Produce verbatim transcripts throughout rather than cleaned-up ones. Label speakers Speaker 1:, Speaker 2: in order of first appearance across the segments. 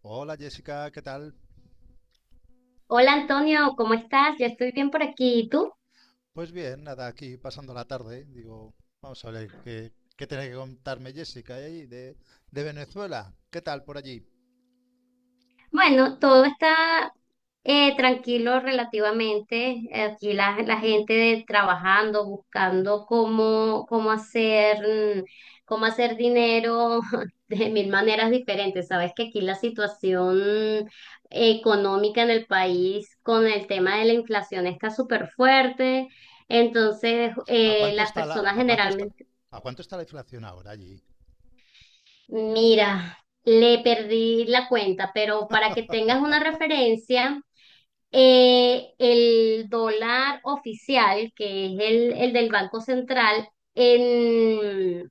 Speaker 1: Hola Jessica, ¿qué tal?
Speaker 2: Hola Antonio, ¿cómo estás? Yo estoy bien por aquí. ¿Y tú?
Speaker 1: Pues bien, nada, aquí pasando la tarde. Digo, vamos a ver qué, qué tiene que contarme Jessica ahí de, de Venezuela. ¿Qué tal por allí?
Speaker 2: Bueno, todo está eh, tranquilo relativamente. Aquí la, la gente de- trabajando, buscando cómo, cómo hacer, mm, cómo hacer dinero de mil maneras diferentes. Sabes que aquí la situación eh, económica en el país con el tema de la inflación está súper fuerte. Entonces,
Speaker 1: ¿A
Speaker 2: eh,
Speaker 1: cuánto
Speaker 2: las
Speaker 1: está la,
Speaker 2: personas
Speaker 1: a cuánto está,
Speaker 2: generalmente.
Speaker 1: a cuánto está la inflación ahora allí?
Speaker 2: Mira, le perdí la cuenta, pero para que tengas una referencia, eh, el dólar oficial, que es el, el del Banco Central, en,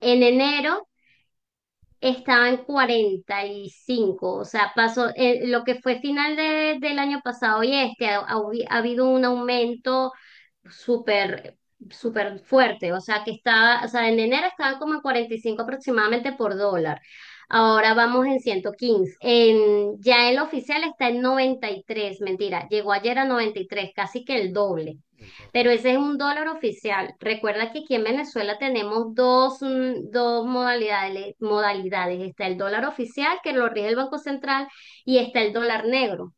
Speaker 2: en enero estaba en cuarenta y cinco, o sea, pasó eh, lo que fue final de- del año pasado y este, ha, ha habido un aumento súper, súper fuerte. O sea, que estaba, o sea, en enero estaba como en cuarenta y cinco aproximadamente por dólar. Ahora vamos en ciento quince. En, ya el oficial está en noventa y tres, mentira, llegó ayer a noventa y tres, casi que el doble.
Speaker 1: El
Speaker 2: Pero
Speaker 1: doble.
Speaker 2: ese es un dólar oficial. Recuerda que aquí en Venezuela tenemos dos, mm, dos modalidades, modalidades. Está el dólar oficial, que lo rige el Banco Central, y está el dólar negro.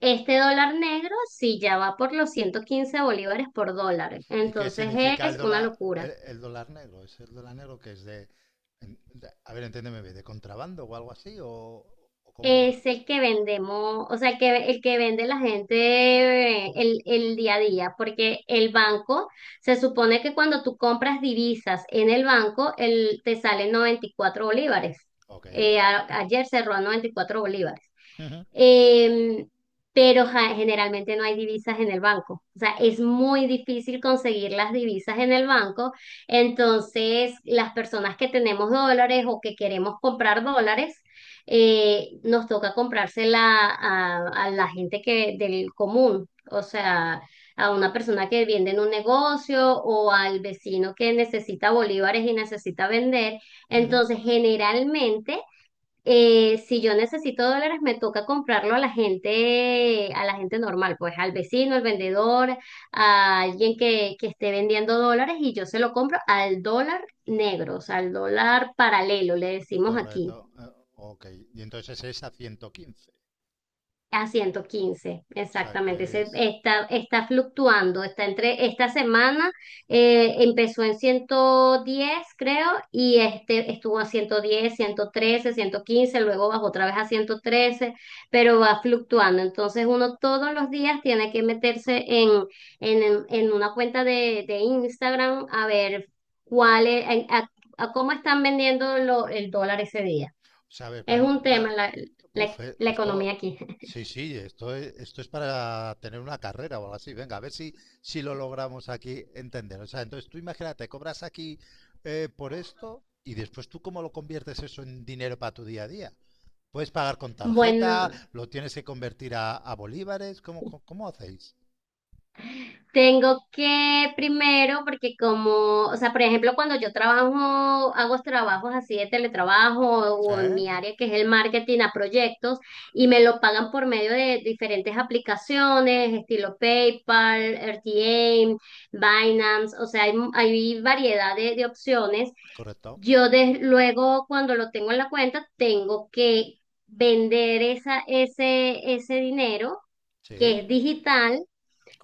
Speaker 2: Este dólar negro sí ya va por los ciento quince bolívares por dólar,
Speaker 1: ¿Y qué
Speaker 2: entonces
Speaker 1: significa el
Speaker 2: es una
Speaker 1: dólar,
Speaker 2: locura.
Speaker 1: el, el dólar negro? ¿Es el dólar negro que es de, en- de- a ver, entiéndeme, bien, de contrabando o algo así? ¿O, o cómo va?
Speaker 2: Es el que vendemos, o sea, el que, el que vende la gente eh, el, el día a día, porque el banco, se supone que cuando tú compras divisas en el banco, el, te salen noventa y cuatro bolívares.
Speaker 1: Ok.
Speaker 2: Eh, a- ayer cerró a noventa y cuatro bolívares.
Speaker 1: Ujú,
Speaker 2: Eh, pero ja, generalmente no hay divisas en el banco. O sea, es muy difícil conseguir las divisas en el banco. Entonces, las personas que tenemos dólares o que queremos comprar dólares, eh, nos toca comprársela a, a la gente que, del común. O sea, a una persona que vende en un negocio o al vecino que necesita bolívares y necesita vender.
Speaker 1: ujú.
Speaker 2: Entonces, generalmente eh, si yo necesito dólares, me toca comprarlo a la gente, a la gente normal, pues al vecino, al vendedor, a alguien que, que esté vendiendo dólares y yo se lo compro al dólar negro, o sea, al dólar paralelo, le decimos aquí.
Speaker 1: Correcto. Eh, ok. Y entonces es a ciento quince.
Speaker 2: A ciento quince
Speaker 1: O sea
Speaker 2: exactamente.
Speaker 1: que
Speaker 2: Se-
Speaker 1: es...
Speaker 2: está, está fluctuando, está entre esta semana eh, empezó en ciento diez creo, y este estuvo a ciento ciento diez ciento trece ciento quince luego bajó otra vez a ciento trece pero va fluctuando. Entonces uno todos los días tiene que meterse en, en, en una cuenta de, de Instagram a ver cuál es- a, a cómo están vendiendo lo- el dólar ese día.
Speaker 1: ¿Sabes?
Speaker 2: Es
Speaker 1: Para,
Speaker 2: un tema
Speaker 1: para-
Speaker 2: la, la
Speaker 1: uf, eh,
Speaker 2: la
Speaker 1: esto,
Speaker 2: economía aquí.
Speaker 1: sí, sí, esto es, esto es para tener una carrera o algo así. Venga, a ver si, si lo logramos aquí entender. O sea, entonces tú imagínate, cobras aquí eh, por esto y después tú cómo lo conviertes eso en dinero para tu día a día. Puedes pagar con tarjeta,
Speaker 2: Bueno,
Speaker 1: lo tienes que convertir a, a bolívares, ¿cómo, cómo, cómo hacéis?
Speaker 2: tengo que primero, porque como, o sea, por ejemplo, cuando yo trabajo, hago trabajos así de teletrabajo o en
Speaker 1: ¿Eh?
Speaker 2: mi área que es el marketing a proyectos y me lo pagan por medio de diferentes aplicaciones, estilo PayPal, R T A, Binance, o sea, hay, hay variedad de, de opciones.
Speaker 1: ¿Correcto?
Speaker 2: Yo de- luego, cuando lo tengo en la cuenta, tengo que vender esa, ese, ese dinero que
Speaker 1: Sí,
Speaker 2: es digital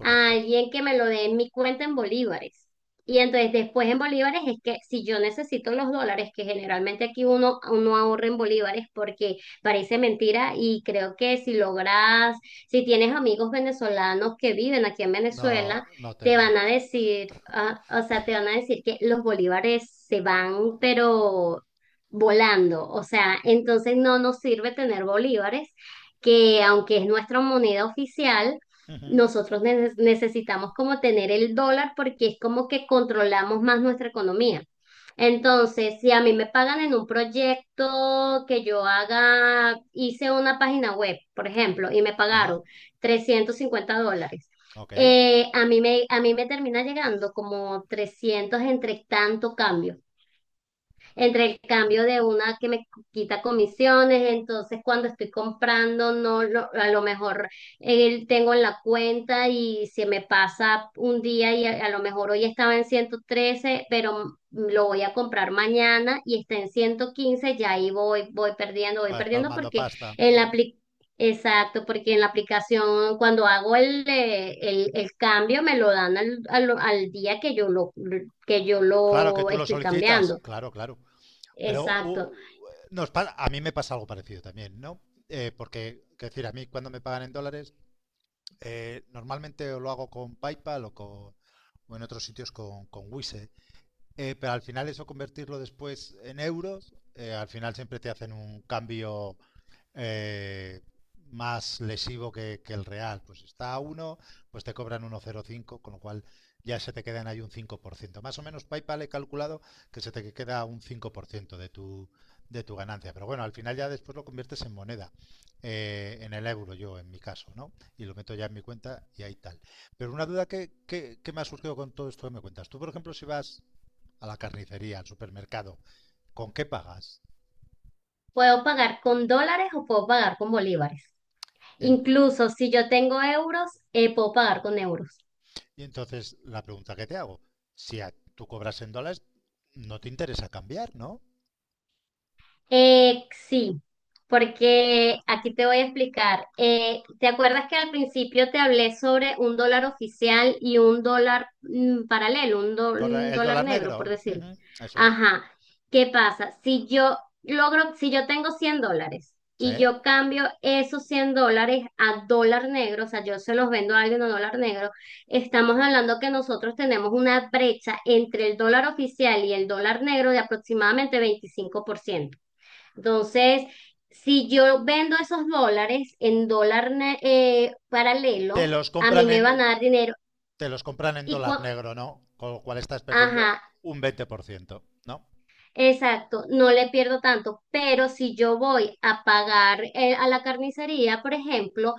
Speaker 2: a alguien que me lo dé en mi cuenta en bolívares. Y entonces después en bolívares es que si yo necesito los dólares, que generalmente aquí uno, uno ahorra en bolívares porque parece mentira y creo que si logras, si tienes amigos venezolanos que viven aquí en Venezuela,
Speaker 1: No, no
Speaker 2: te
Speaker 1: tengo
Speaker 2: van a
Speaker 1: horas.
Speaker 2: decir, ah, o sea, te van a decir que los bolívares se van, pero volando. O sea, entonces no nos sirve tener bolívares, que aunque es nuestra moneda oficial,
Speaker 1: Ujú.
Speaker 2: nosotros ne- necesitamos como tener el dólar porque es como que controlamos más nuestra economía. Entonces, si a mí me pagan en un proyecto que yo haga, hice una página web, por ejemplo, y me
Speaker 1: Ajá.
Speaker 2: pagaron trescientos cincuenta dólares,
Speaker 1: Ok.
Speaker 2: eh, a mí me, a mí me termina llegando como trescientos entre tanto cambio entre el cambio de una que me quita comisiones, entonces cuando estoy comprando, no lo- a lo mejor eh, tengo en la cuenta y se me pasa un día y a, a lo mejor hoy estaba en ciento trece pero lo voy a comprar mañana y está en ciento quince ya ahí voy, voy perdiendo, voy
Speaker 1: Vas
Speaker 2: perdiendo
Speaker 1: palmando
Speaker 2: porque
Speaker 1: pasta.
Speaker 2: en
Speaker 1: Ujú.
Speaker 2: la apli- exacto, porque en la aplicación cuando hago el, eh, el, el cambio me lo dan al, al, al día que yo lo, que yo
Speaker 1: Claro que
Speaker 2: lo
Speaker 1: tú lo
Speaker 2: estoy
Speaker 1: solicitas,
Speaker 2: cambiando.
Speaker 1: claro, claro. Pero
Speaker 2: Exacto.
Speaker 1: u- nos pa- a mí me pasa algo parecido también, ¿no? Eh, porque, quiero decir, a mí cuando me pagan en dólares, eh, normalmente o lo hago con PayPal o, con, o en otros sitios con, con Wise. Eh, pero al final eso convertirlo después en euros, eh, al final siempre te hacen un cambio eh, más lesivo que, que, el real. Pues está a uno, pues te cobran uno coma cero cinco, con lo cual ya se te quedan ahí un cinco por ciento. Más o menos PayPal he calculado que se te queda un cinco por ciento de tu, de tu ganancia. Pero bueno, al final ya después lo conviertes en moneda, eh, en el euro yo, en mi caso, ¿no? Y lo meto ya en mi cuenta y ahí tal. Pero una duda que, que, que me ha surgido con todo esto que me cuentas. Tú, por ejemplo, si vas a la carnicería, al supermercado, ¿con qué pagas?
Speaker 2: Puedo pagar con dólares o puedo pagar con bolívares.
Speaker 1: En,
Speaker 2: Incluso si yo tengo euros, eh, puedo pagar con euros.
Speaker 1: y entonces la pregunta que te hago, si a- tú cobras en dólares, no te interesa cambiar, ¿no?
Speaker 2: Eh, sí, porque aquí te voy a explicar. Eh, ¿te acuerdas que al principio te hablé sobre un dólar oficial y un dólar mm, paralelo, un, do-
Speaker 1: Corre-
Speaker 2: un
Speaker 1: El
Speaker 2: dólar
Speaker 1: dólar
Speaker 2: negro, por
Speaker 1: negro,
Speaker 2: decir?
Speaker 1: ujú, eso es.
Speaker 2: Ajá. ¿Qué pasa? Si yo logro, si yo tengo cien dólares
Speaker 1: Sí.
Speaker 2: y yo cambio esos cien dólares a dólar negro, o sea, yo se los vendo a alguien a dólar negro, estamos hablando que nosotros tenemos una brecha entre el dólar oficial y el dólar negro de aproximadamente veinticinco por ciento. Entonces, si yo vendo esos dólares en dólar ne- eh,
Speaker 1: Te
Speaker 2: paralelo,
Speaker 1: los
Speaker 2: a mí
Speaker 1: compran
Speaker 2: me van
Speaker 1: en,
Speaker 2: a dar dinero
Speaker 1: te los compran en
Speaker 2: y
Speaker 1: dólar
Speaker 2: cua-
Speaker 1: negro, ¿no? Con lo cual estás perdiendo
Speaker 2: ajá,
Speaker 1: un veinte por ciento, ¿no?
Speaker 2: exacto, no le pierdo tanto, pero si yo voy a pagar eh, a la carnicería, por ejemplo,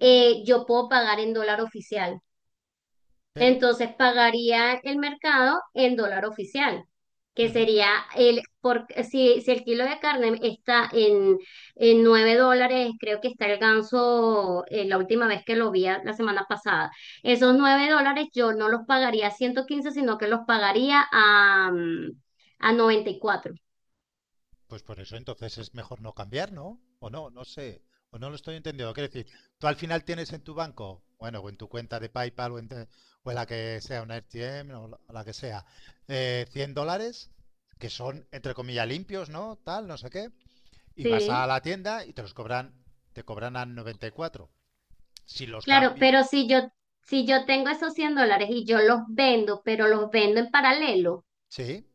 Speaker 2: eh, yo puedo pagar en dólar oficial.
Speaker 1: Pero
Speaker 2: Entonces pagaría el mercado en dólar oficial, que
Speaker 1: ujú,
Speaker 2: sería el, por, si, si el kilo de carne está en, en nueve dólares, creo que está el ganso eh, la última vez que lo vi a- la semana pasada. Esos nueve dólares yo no los pagaría a ciento quince sino que los pagaría a, mm, a noventa y cuatro.
Speaker 1: pues por eso entonces es mejor no cambiar, ¿no? O no, no sé. O no lo estoy entendiendo. Quiero decir, tú al final tienes en tu banco, bueno, o en tu cuenta de PayPal o en, te- o en la que sea, una R T M o la- o la que sea, eh, cien dólares, que son, entre comillas, limpios, ¿no? Tal, no sé qué. Y vas a
Speaker 2: Sí,
Speaker 1: la tienda y te los cobran, te cobran a noventa y cuatro. Si los
Speaker 2: claro,
Speaker 1: cambian.
Speaker 2: pero si yo, si yo tengo esos cien dólares y yo los vendo, pero los vendo en paralelo.
Speaker 1: Sí.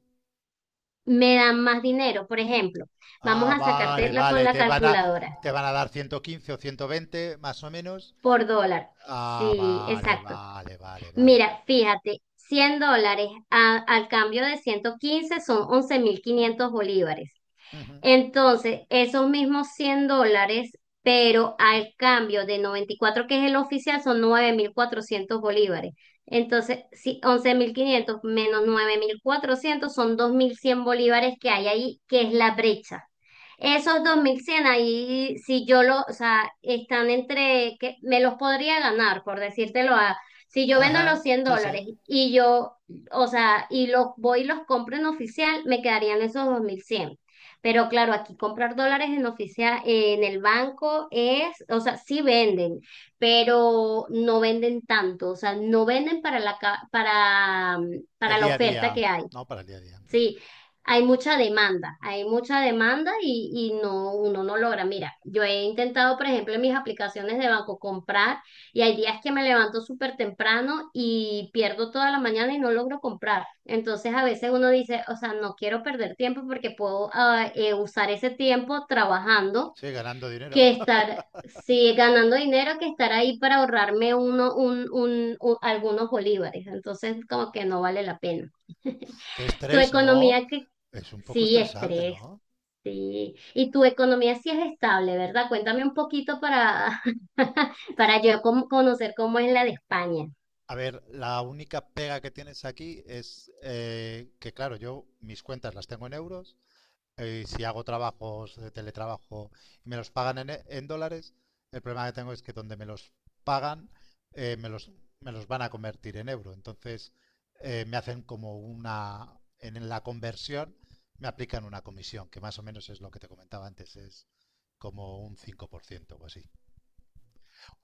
Speaker 2: Me dan más dinero. Por ejemplo, vamos
Speaker 1: Ah,
Speaker 2: a
Speaker 1: vale,
Speaker 2: sacarte la con
Speaker 1: vale.
Speaker 2: la
Speaker 1: Te van a,
Speaker 2: calculadora
Speaker 1: te van a dar ciento quince o ciento veinte más o menos.
Speaker 2: por dólar.
Speaker 1: Ah,
Speaker 2: Sí,
Speaker 1: vale,
Speaker 2: exacto.
Speaker 1: vale, vale, vale, vale.
Speaker 2: Mira, fíjate, cien dólares a- al cambio de ciento quince son once mil quinientos bolívares.
Speaker 1: Ujú.
Speaker 2: Entonces, esos mismos cien dólares, pero al cambio de noventa y cuatro que es el oficial, son nueve mil cuatrocientos bolívares. Entonces, si once mil quinientos menos nueve mil cuatrocientos son dos mil cien bolívares que hay ahí, que es la brecha. Esos dos mil cien ahí, si yo lo, o sea, están entre, que me los podría ganar, por decírtelo a, si yo vendo
Speaker 1: Ajá.
Speaker 2: los cien
Speaker 1: Sí, sí.
Speaker 2: dólares y yo, o sea, y los voy y los compro en oficial, me quedarían esos dos mil cien. Pero claro, aquí comprar dólares en oficial, en el banco es, o sea, sí venden, pero no venden tanto, o sea, no venden para la, ca- para,
Speaker 1: El
Speaker 2: para la
Speaker 1: día a
Speaker 2: oferta
Speaker 1: día.
Speaker 2: que hay.
Speaker 1: No, para el día a día.
Speaker 2: Sí, hay mucha demanda, hay mucha demanda y, y no, uno no logra. Mira, yo he intentado, por ejemplo, en mis aplicaciones de banco comprar y hay días que me levanto súper temprano y pierdo toda la mañana y no logro comprar. Entonces a veces uno dice, o sea, no quiero perder tiempo porque puedo ah, eh, usar ese tiempo trabajando
Speaker 1: Sí, ganando dinero.
Speaker 2: que
Speaker 1: Uf,
Speaker 2: estar, sí, ganando dinero que estar ahí para ahorrarme uno, un, un, un- algunos bolívares. Entonces como que no vale la pena.
Speaker 1: qué
Speaker 2: ¿Tu
Speaker 1: estrés, ¿no?
Speaker 2: economía, qué,
Speaker 1: Es un poco
Speaker 2: sí,
Speaker 1: estresante,
Speaker 2: estrés,
Speaker 1: ¿no?
Speaker 2: sí. Y tu economía sí es estable, ¿verdad? Cuéntame un poquito para, para yo com- conocer cómo es la de España.
Speaker 1: A ver, la única pega que tienes aquí es eh, que, claro, yo mis cuentas las tengo en euros. Eh, si hago trabajos de teletrabajo y me los pagan en, e- en dólares, el problema que tengo es que donde me los pagan, eh, me los, me los van a convertir en euro. Entonces, eh, me hacen como una, en la conversión, me aplican una comisión, que más o menos es lo que te comentaba antes, es como un cinco por ciento o así.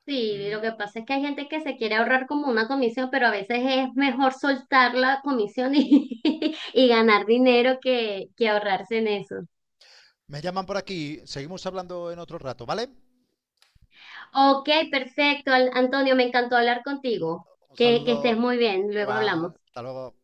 Speaker 2: Sí,
Speaker 1: Mm,
Speaker 2: lo que pasa es que hay gente que se quiere ahorrar como una comisión, pero a veces es mejor soltar la comisión y, y ganar dinero que, que ahorrarse en eso.
Speaker 1: me llaman por aquí, seguimos hablando en otro rato, ¿vale?
Speaker 2: Ok, perfecto, Al- Antonio, me encantó hablar contigo.
Speaker 1: Un
Speaker 2: Que, que estés
Speaker 1: saludo,
Speaker 2: muy bien, luego hablamos.
Speaker 1: igual, hasta luego.